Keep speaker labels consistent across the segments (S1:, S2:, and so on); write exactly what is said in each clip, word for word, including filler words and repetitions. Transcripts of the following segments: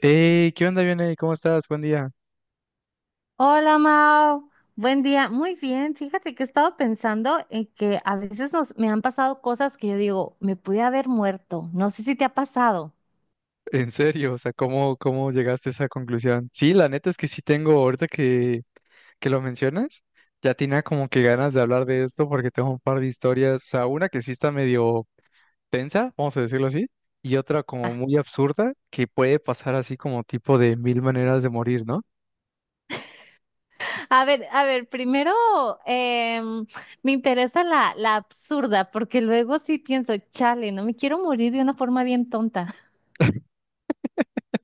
S1: Hey, ¿qué onda, Vianey? ¿Cómo estás? Buen día.
S2: Hola Mao, buen día. Muy bien, fíjate que he estado pensando en que a veces nos, me han pasado cosas que yo digo, me pude haber muerto. No sé si te ha pasado.
S1: En serio, o sea, ¿cómo, cómo llegaste a esa conclusión? Sí, la neta es que sí tengo, ahorita que, que lo mencionas, ya tenía como que ganas de hablar de esto porque tengo un par de historias, o sea, una que sí está medio tensa, vamos a decirlo así, y otra como
S2: Ah,
S1: muy absurda que puede pasar así como tipo de mil maneras de morir, ¿no?
S2: a ver, a ver, primero em, me interesa la, la absurda, porque luego sí pienso, chale, no me quiero morir de una forma bien tonta.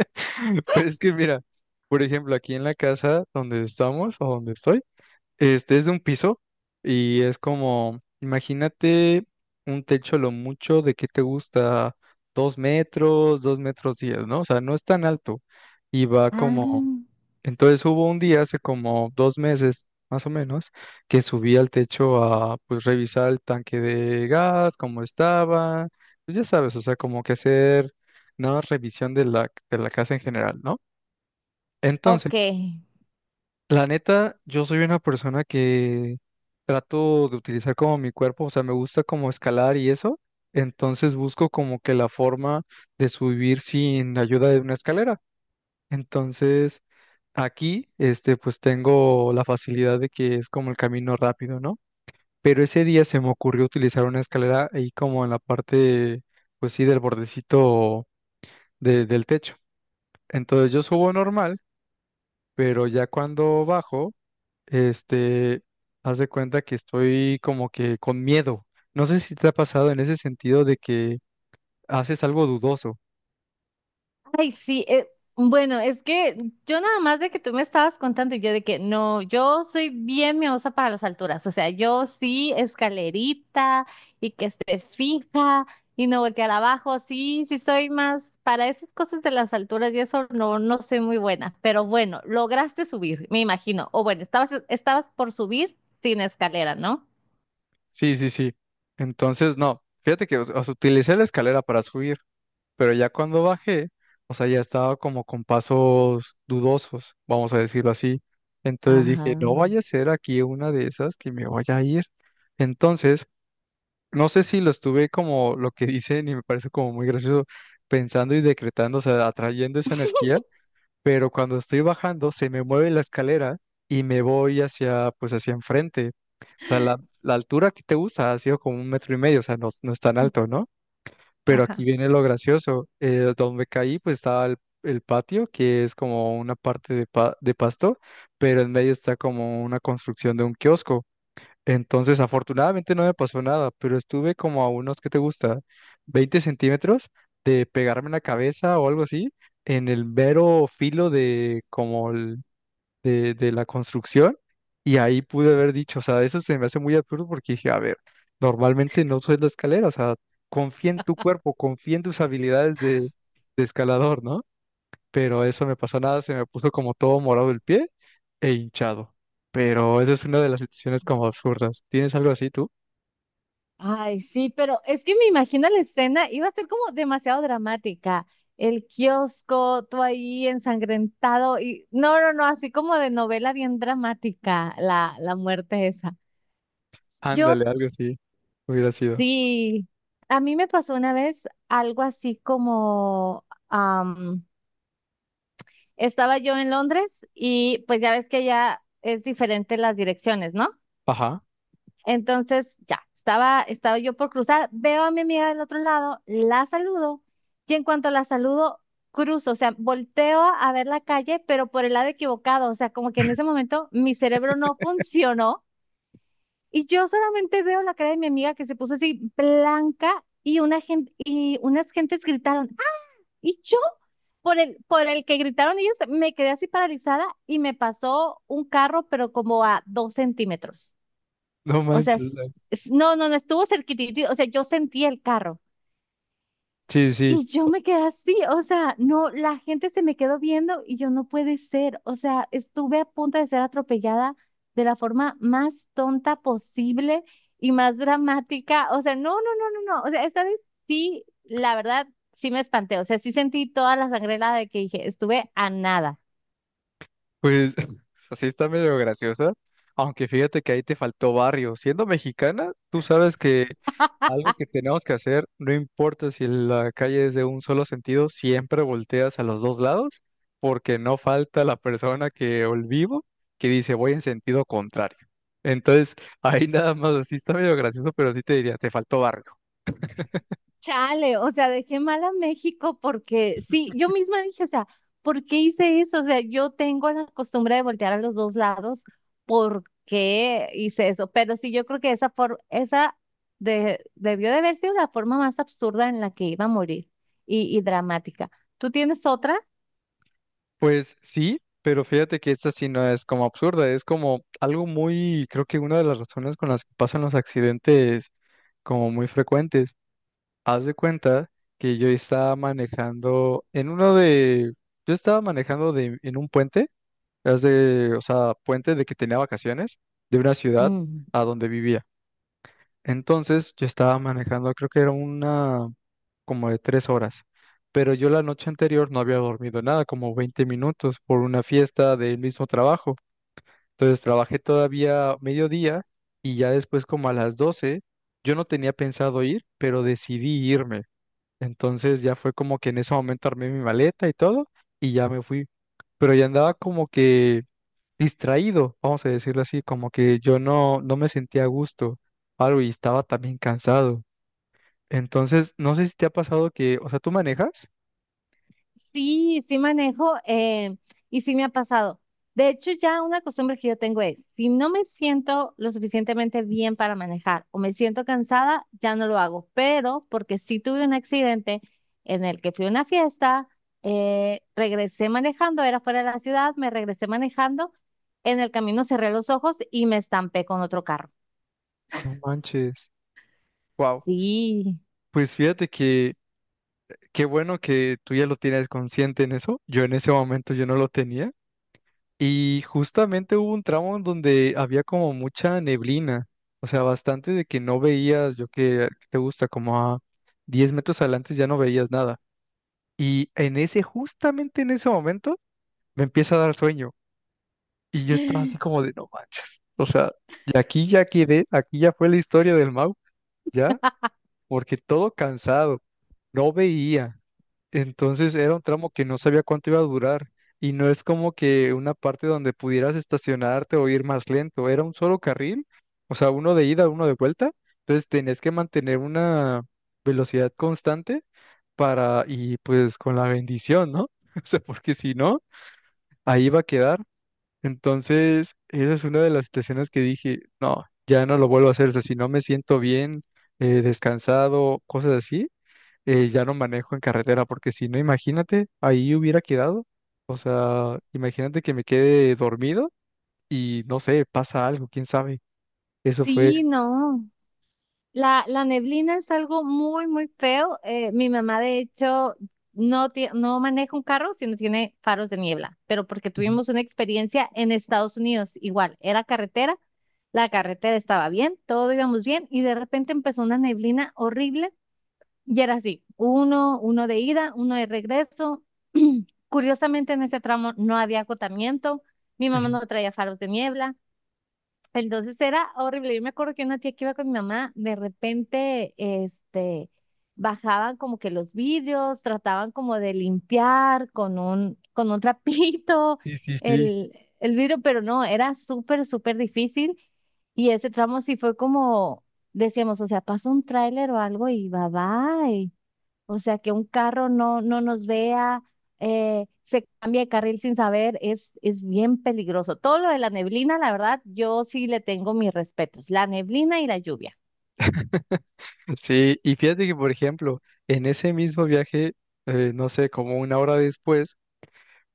S1: Pues es que mira, por ejemplo, aquí en la casa donde estamos o donde estoy. Este es de un piso y es como, imagínate un techo lo mucho de que te gusta dos metros, dos metros diez, ¿no? O sea, no es tan alto y va como,
S2: Ah,
S1: entonces hubo un día hace como dos meses más o menos que subí al techo a pues revisar el tanque de gas, cómo estaba, pues ya sabes, o sea, como que hacer una revisión de la, de la casa en general, ¿no?
S2: ok.
S1: La neta, yo soy una persona que trato de utilizar como mi cuerpo, o sea, me gusta como escalar y eso, entonces busco como que la forma de subir sin ayuda de una escalera. Entonces, aquí, este, pues tengo la facilidad de que es como el camino rápido, ¿no? Pero ese día se me ocurrió utilizar una escalera ahí como en la parte, pues sí, del bordecito de- del techo. Entonces yo subo normal, pero ya cuando bajo este, haz de cuenta que estoy como que con miedo. No sé si te ha pasado en ese sentido de que haces algo dudoso.
S2: Ay, sí, eh, bueno, es que yo nada más de que tú me estabas contando y yo de que no, yo soy bien miedosa para las alturas, o sea, yo sí escalerita y que esté fija y no voltear abajo, sí, sí soy más para esas cosas de las alturas y eso no, no soy muy buena, pero bueno, lograste subir, me imagino, o bueno, estabas, estabas por subir sin escalera, ¿no?
S1: Sí, sí, sí. Entonces, no, fíjate que o sea, utilicé la escalera para subir, pero ya cuando bajé, o sea, ya estaba como con pasos dudosos, vamos a decirlo así. Entonces
S2: Ajá.
S1: dije, no vaya a ser aquí una de esas que me vaya a ir. Entonces, no sé si lo estuve como lo que dicen y me parece como muy gracioso, pensando y decretando, o sea, atrayendo esa energía, pero cuando estoy bajando se me mueve la escalera y me voy hacia, pues hacia enfrente. O sea, la, la altura que te gusta ha sido como un metro y medio, o sea, no, no es tan alto, ¿no? Pero aquí
S2: Ajá.
S1: viene lo gracioso. Eh, donde caí, pues estaba el, el patio, que es como una parte de, pa- de pasto, pero en medio está como una construcción de un kiosco. Entonces, afortunadamente no me pasó nada, pero estuve como a unos, ¿qué te gusta?, veinte centímetros de pegarme en la cabeza o algo así, en el mero filo de como el- de, de la construcción, y ahí pude haber dicho, o sea, eso se me hace muy absurdo porque dije, a ver, normalmente no subes la escalera, o sea, confía en tu cuerpo, confía en tus habilidades de, de escalador, ¿no? Pero eso me pasó nada, se me puso como todo morado el pie e hinchado. Pero esa es una de las situaciones como absurdas. ¿Tienes algo así tú?
S2: Ay, sí, pero es que me imagino la escena, iba a ser como demasiado dramática. El kiosco, tú ahí ensangrentado y no, no, no, así como de novela bien dramática, la, la muerte esa. Yo
S1: Ándale, algo así hubiera sido.
S2: sí, a mí me pasó una vez algo así como, am, estaba yo en Londres y pues ya ves que ya es diferente las direcciones, ¿no?
S1: Ajá.
S2: Entonces, ya, estaba, estaba yo por cruzar, veo a mi amiga del otro lado, la saludo, y en cuanto la saludo, cruzo, o sea, volteo a ver la calle, pero por el lado equivocado, o sea, como que en ese momento mi cerebro no funcionó y yo solamente veo la cara de mi amiga que se puso así blanca y una gente, y unas gentes gritaron, "¡Ah!". Y yo, por el, por el que gritaron ellos, me quedé así paralizada y me pasó un carro, pero como a dos centímetros.
S1: No
S2: O
S1: manches.
S2: sea, s-
S1: la-
S2: s- no, no, no estuvo cerquitito, o sea, yo sentí el carro
S1: Sí, sí.
S2: y yo me quedé así, o sea, no, la gente se me quedó viendo y yo no puede ser, o sea, estuve a punto de ser atropellada de la forma más tonta posible y más dramática, o sea, no, no, no, no, no, o sea, esta vez sí, la verdad, sí me espanté, o sea, sí sentí toda la sangre helada de que dije, estuve a nada.
S1: Pues así está medio graciosa. Aunque fíjate que ahí te faltó barrio. Siendo mexicana, tú sabes que algo que tenemos que hacer, no importa si la calle es de un solo sentido, siempre volteas a los dos lados, porque no falta la persona que o el vivo que dice voy en sentido contrario. Entonces, ahí nada más, así está medio gracioso, pero sí te diría, te faltó barrio.
S2: Chale, o sea, dejé mal a México porque sí, yo misma dije, o sea, ¿por qué hice eso? O sea, yo tengo la costumbre de voltear a los dos lados, ¿por qué hice eso? Pero sí, yo creo que esa for- esa de debió de haber sido la forma más absurda en la que iba a morir y, y dramática. ¿Tú tienes otra?
S1: Pues sí, pero fíjate que esta sí no es como absurda, es como algo muy, creo que una de las razones con las que pasan los accidentes como muy frecuentes. Haz de cuenta que yo estaba manejando en uno de, yo estaba manejando de, en un puente, haz de, o sea, puente de que tenía vacaciones de una ciudad a donde vivía. Entonces yo estaba manejando, creo que era una como de tres horas, pero yo la noche anterior no había dormido nada, como veinte minutos por una fiesta del mismo trabajo. Entonces trabajé todavía mediodía y ya después como a las doce yo no tenía pensado ir, pero decidí irme. Entonces ya fue como que en ese momento armé mi maleta y todo y ya me fui. Pero ya andaba como que distraído, vamos a decirlo así, como que yo no, no me sentía a gusto, algo, y estaba también cansado. Entonces, no sé si te ha pasado que, o sea, tú manejas.
S2: Sí, sí manejo, eh, y sí me ha pasado. De hecho, ya una costumbre que yo tengo es, si no me siento lo suficientemente bien para manejar o me siento cansada, ya no lo hago. Pero porque sí tuve un accidente en el que fui a una fiesta, eh, regresé manejando, era fuera de la ciudad, me regresé manejando, en el camino cerré los ojos y me estampé con otro carro.
S1: No manches. Wow.
S2: Sí,
S1: Pues fíjate que qué bueno que tú ya lo tienes consciente en eso. Yo en ese momento yo no lo tenía. Y justamente hubo un tramo en donde había como mucha neblina. O sea, bastante de que no veías, yo que te gusta, como a diez metros adelante ya no veías nada. Y en ese, justamente en ese momento, me empieza a dar sueño. Y yo estaba así como de, no manches. O sea, y aquí ya quedé, aquí ya fue la historia del Mau, ya, porque todo cansado, no veía. Entonces era un tramo que no sabía cuánto iba a durar y no es como que una parte donde pudieras estacionarte o ir más lento, era un solo carril, o sea, uno de ida, uno de vuelta, entonces tenías que mantener una velocidad constante para y pues con la bendición, ¿no? O sea, porque si no, ahí va a quedar. Entonces, esa es una de las situaciones que dije, no, ya no lo vuelvo a hacer, o sea, si no me siento bien, eh, descansado, cosas así, eh, ya no manejo en carretera, porque si no, imagínate, ahí hubiera quedado. O sea, imagínate que me quede dormido y no sé, pasa algo, quién sabe. Eso fue.
S2: sí, no. La, la neblina es algo muy, muy feo. Eh, mi mamá, de hecho, no, tie- no maneja un carro, sino tiene faros de niebla, pero porque
S1: Ujú, ujú.
S2: tuvimos una experiencia en Estados Unidos, igual, era carretera, la carretera estaba bien, todo íbamos bien, y de repente empezó una neblina horrible y era así, uno, uno de ida, uno de regreso. Curiosamente, en ese tramo no había acotamiento, mi mamá no traía faros de niebla. Entonces era horrible. Yo me acuerdo que una tía que iba con mi mamá, de repente, este, bajaban como que los vidrios, trataban como de limpiar con un, con un trapito
S1: Sí, sí, sí.
S2: el, el vidrio, pero no, era súper, súper difícil. Y ese tramo sí fue como, decíamos, o sea, pasa un tráiler o algo y va, va. O sea, que un carro no, no nos vea, eh, se cambia de carril sin saber, es, es bien peligroso. Todo lo de la neblina, la verdad, yo sí le tengo mis respetos. La neblina y la lluvia.
S1: Sí, y fíjate que, por ejemplo, en ese mismo viaje, eh, no sé, como una hora después,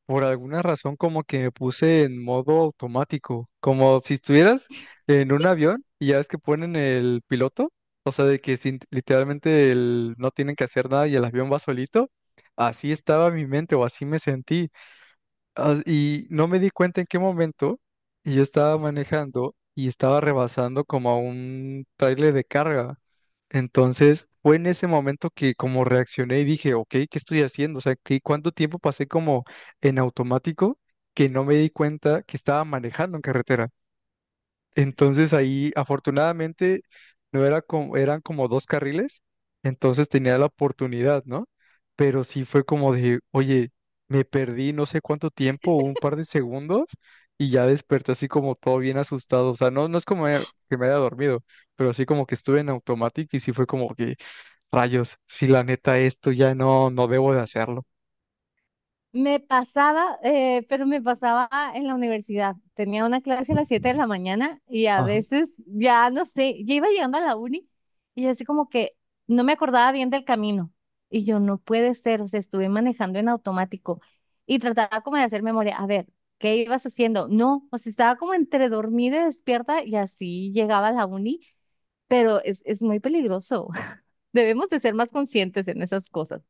S1: por alguna razón como que me puse en modo automático, como si estuvieras en un avión y ya ves que ponen el piloto, o sea, de que sin- literalmente el- no tienen que hacer nada y el avión va solito. Así estaba mi mente o así me sentí. Ah, y no me di cuenta en qué momento y yo estaba manejando y estaba rebasando como a un trailer de carga. Entonces fue en ese momento que como reaccioné y dije, ok, ¿qué estoy haciendo? O sea, ¿qué, cuánto tiempo pasé como en automático que no me di cuenta que estaba manejando en carretera? Entonces ahí, afortunadamente, no era como, eran como dos carriles, entonces tenía la oportunidad, ¿no? Pero sí fue como de, oye, me perdí no sé cuánto tiempo, un par de segundos, y ya desperté así como todo bien asustado. O sea, no, no es como me- que me haya dormido, pero así como que estuve en automático y sí fue como que, rayos, si la neta esto ya no, no debo de hacerlo.
S2: Me pasaba, eh, pero me pasaba en la universidad. Tenía una clase a las siete de la mañana y a veces ya no sé, ya iba llegando a la uni y así como que no me acordaba bien del camino. Y yo no puede ser, o sea, estuve manejando en automático y trataba como de hacer memoria. A ver, ¿qué ibas haciendo? No, o sea, estaba como entre dormida y despierta y así llegaba a la uni, pero es, es muy peligroso. Debemos de ser más conscientes en esas cosas.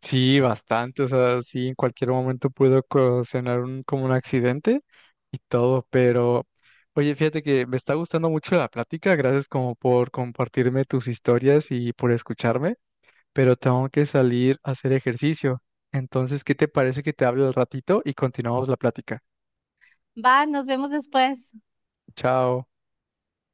S1: Sí, bastante, o sea, sí, en cualquier momento pudo ocasionar un, como un accidente y todo, pero oye, fíjate que me está gustando mucho la plática, gracias como por compartirme tus historias y por escucharme, pero tengo que salir a hacer ejercicio. Entonces, ¿qué te parece que te hable al ratito y continuamos la plática?
S2: Va, nos vemos después.
S1: Chao.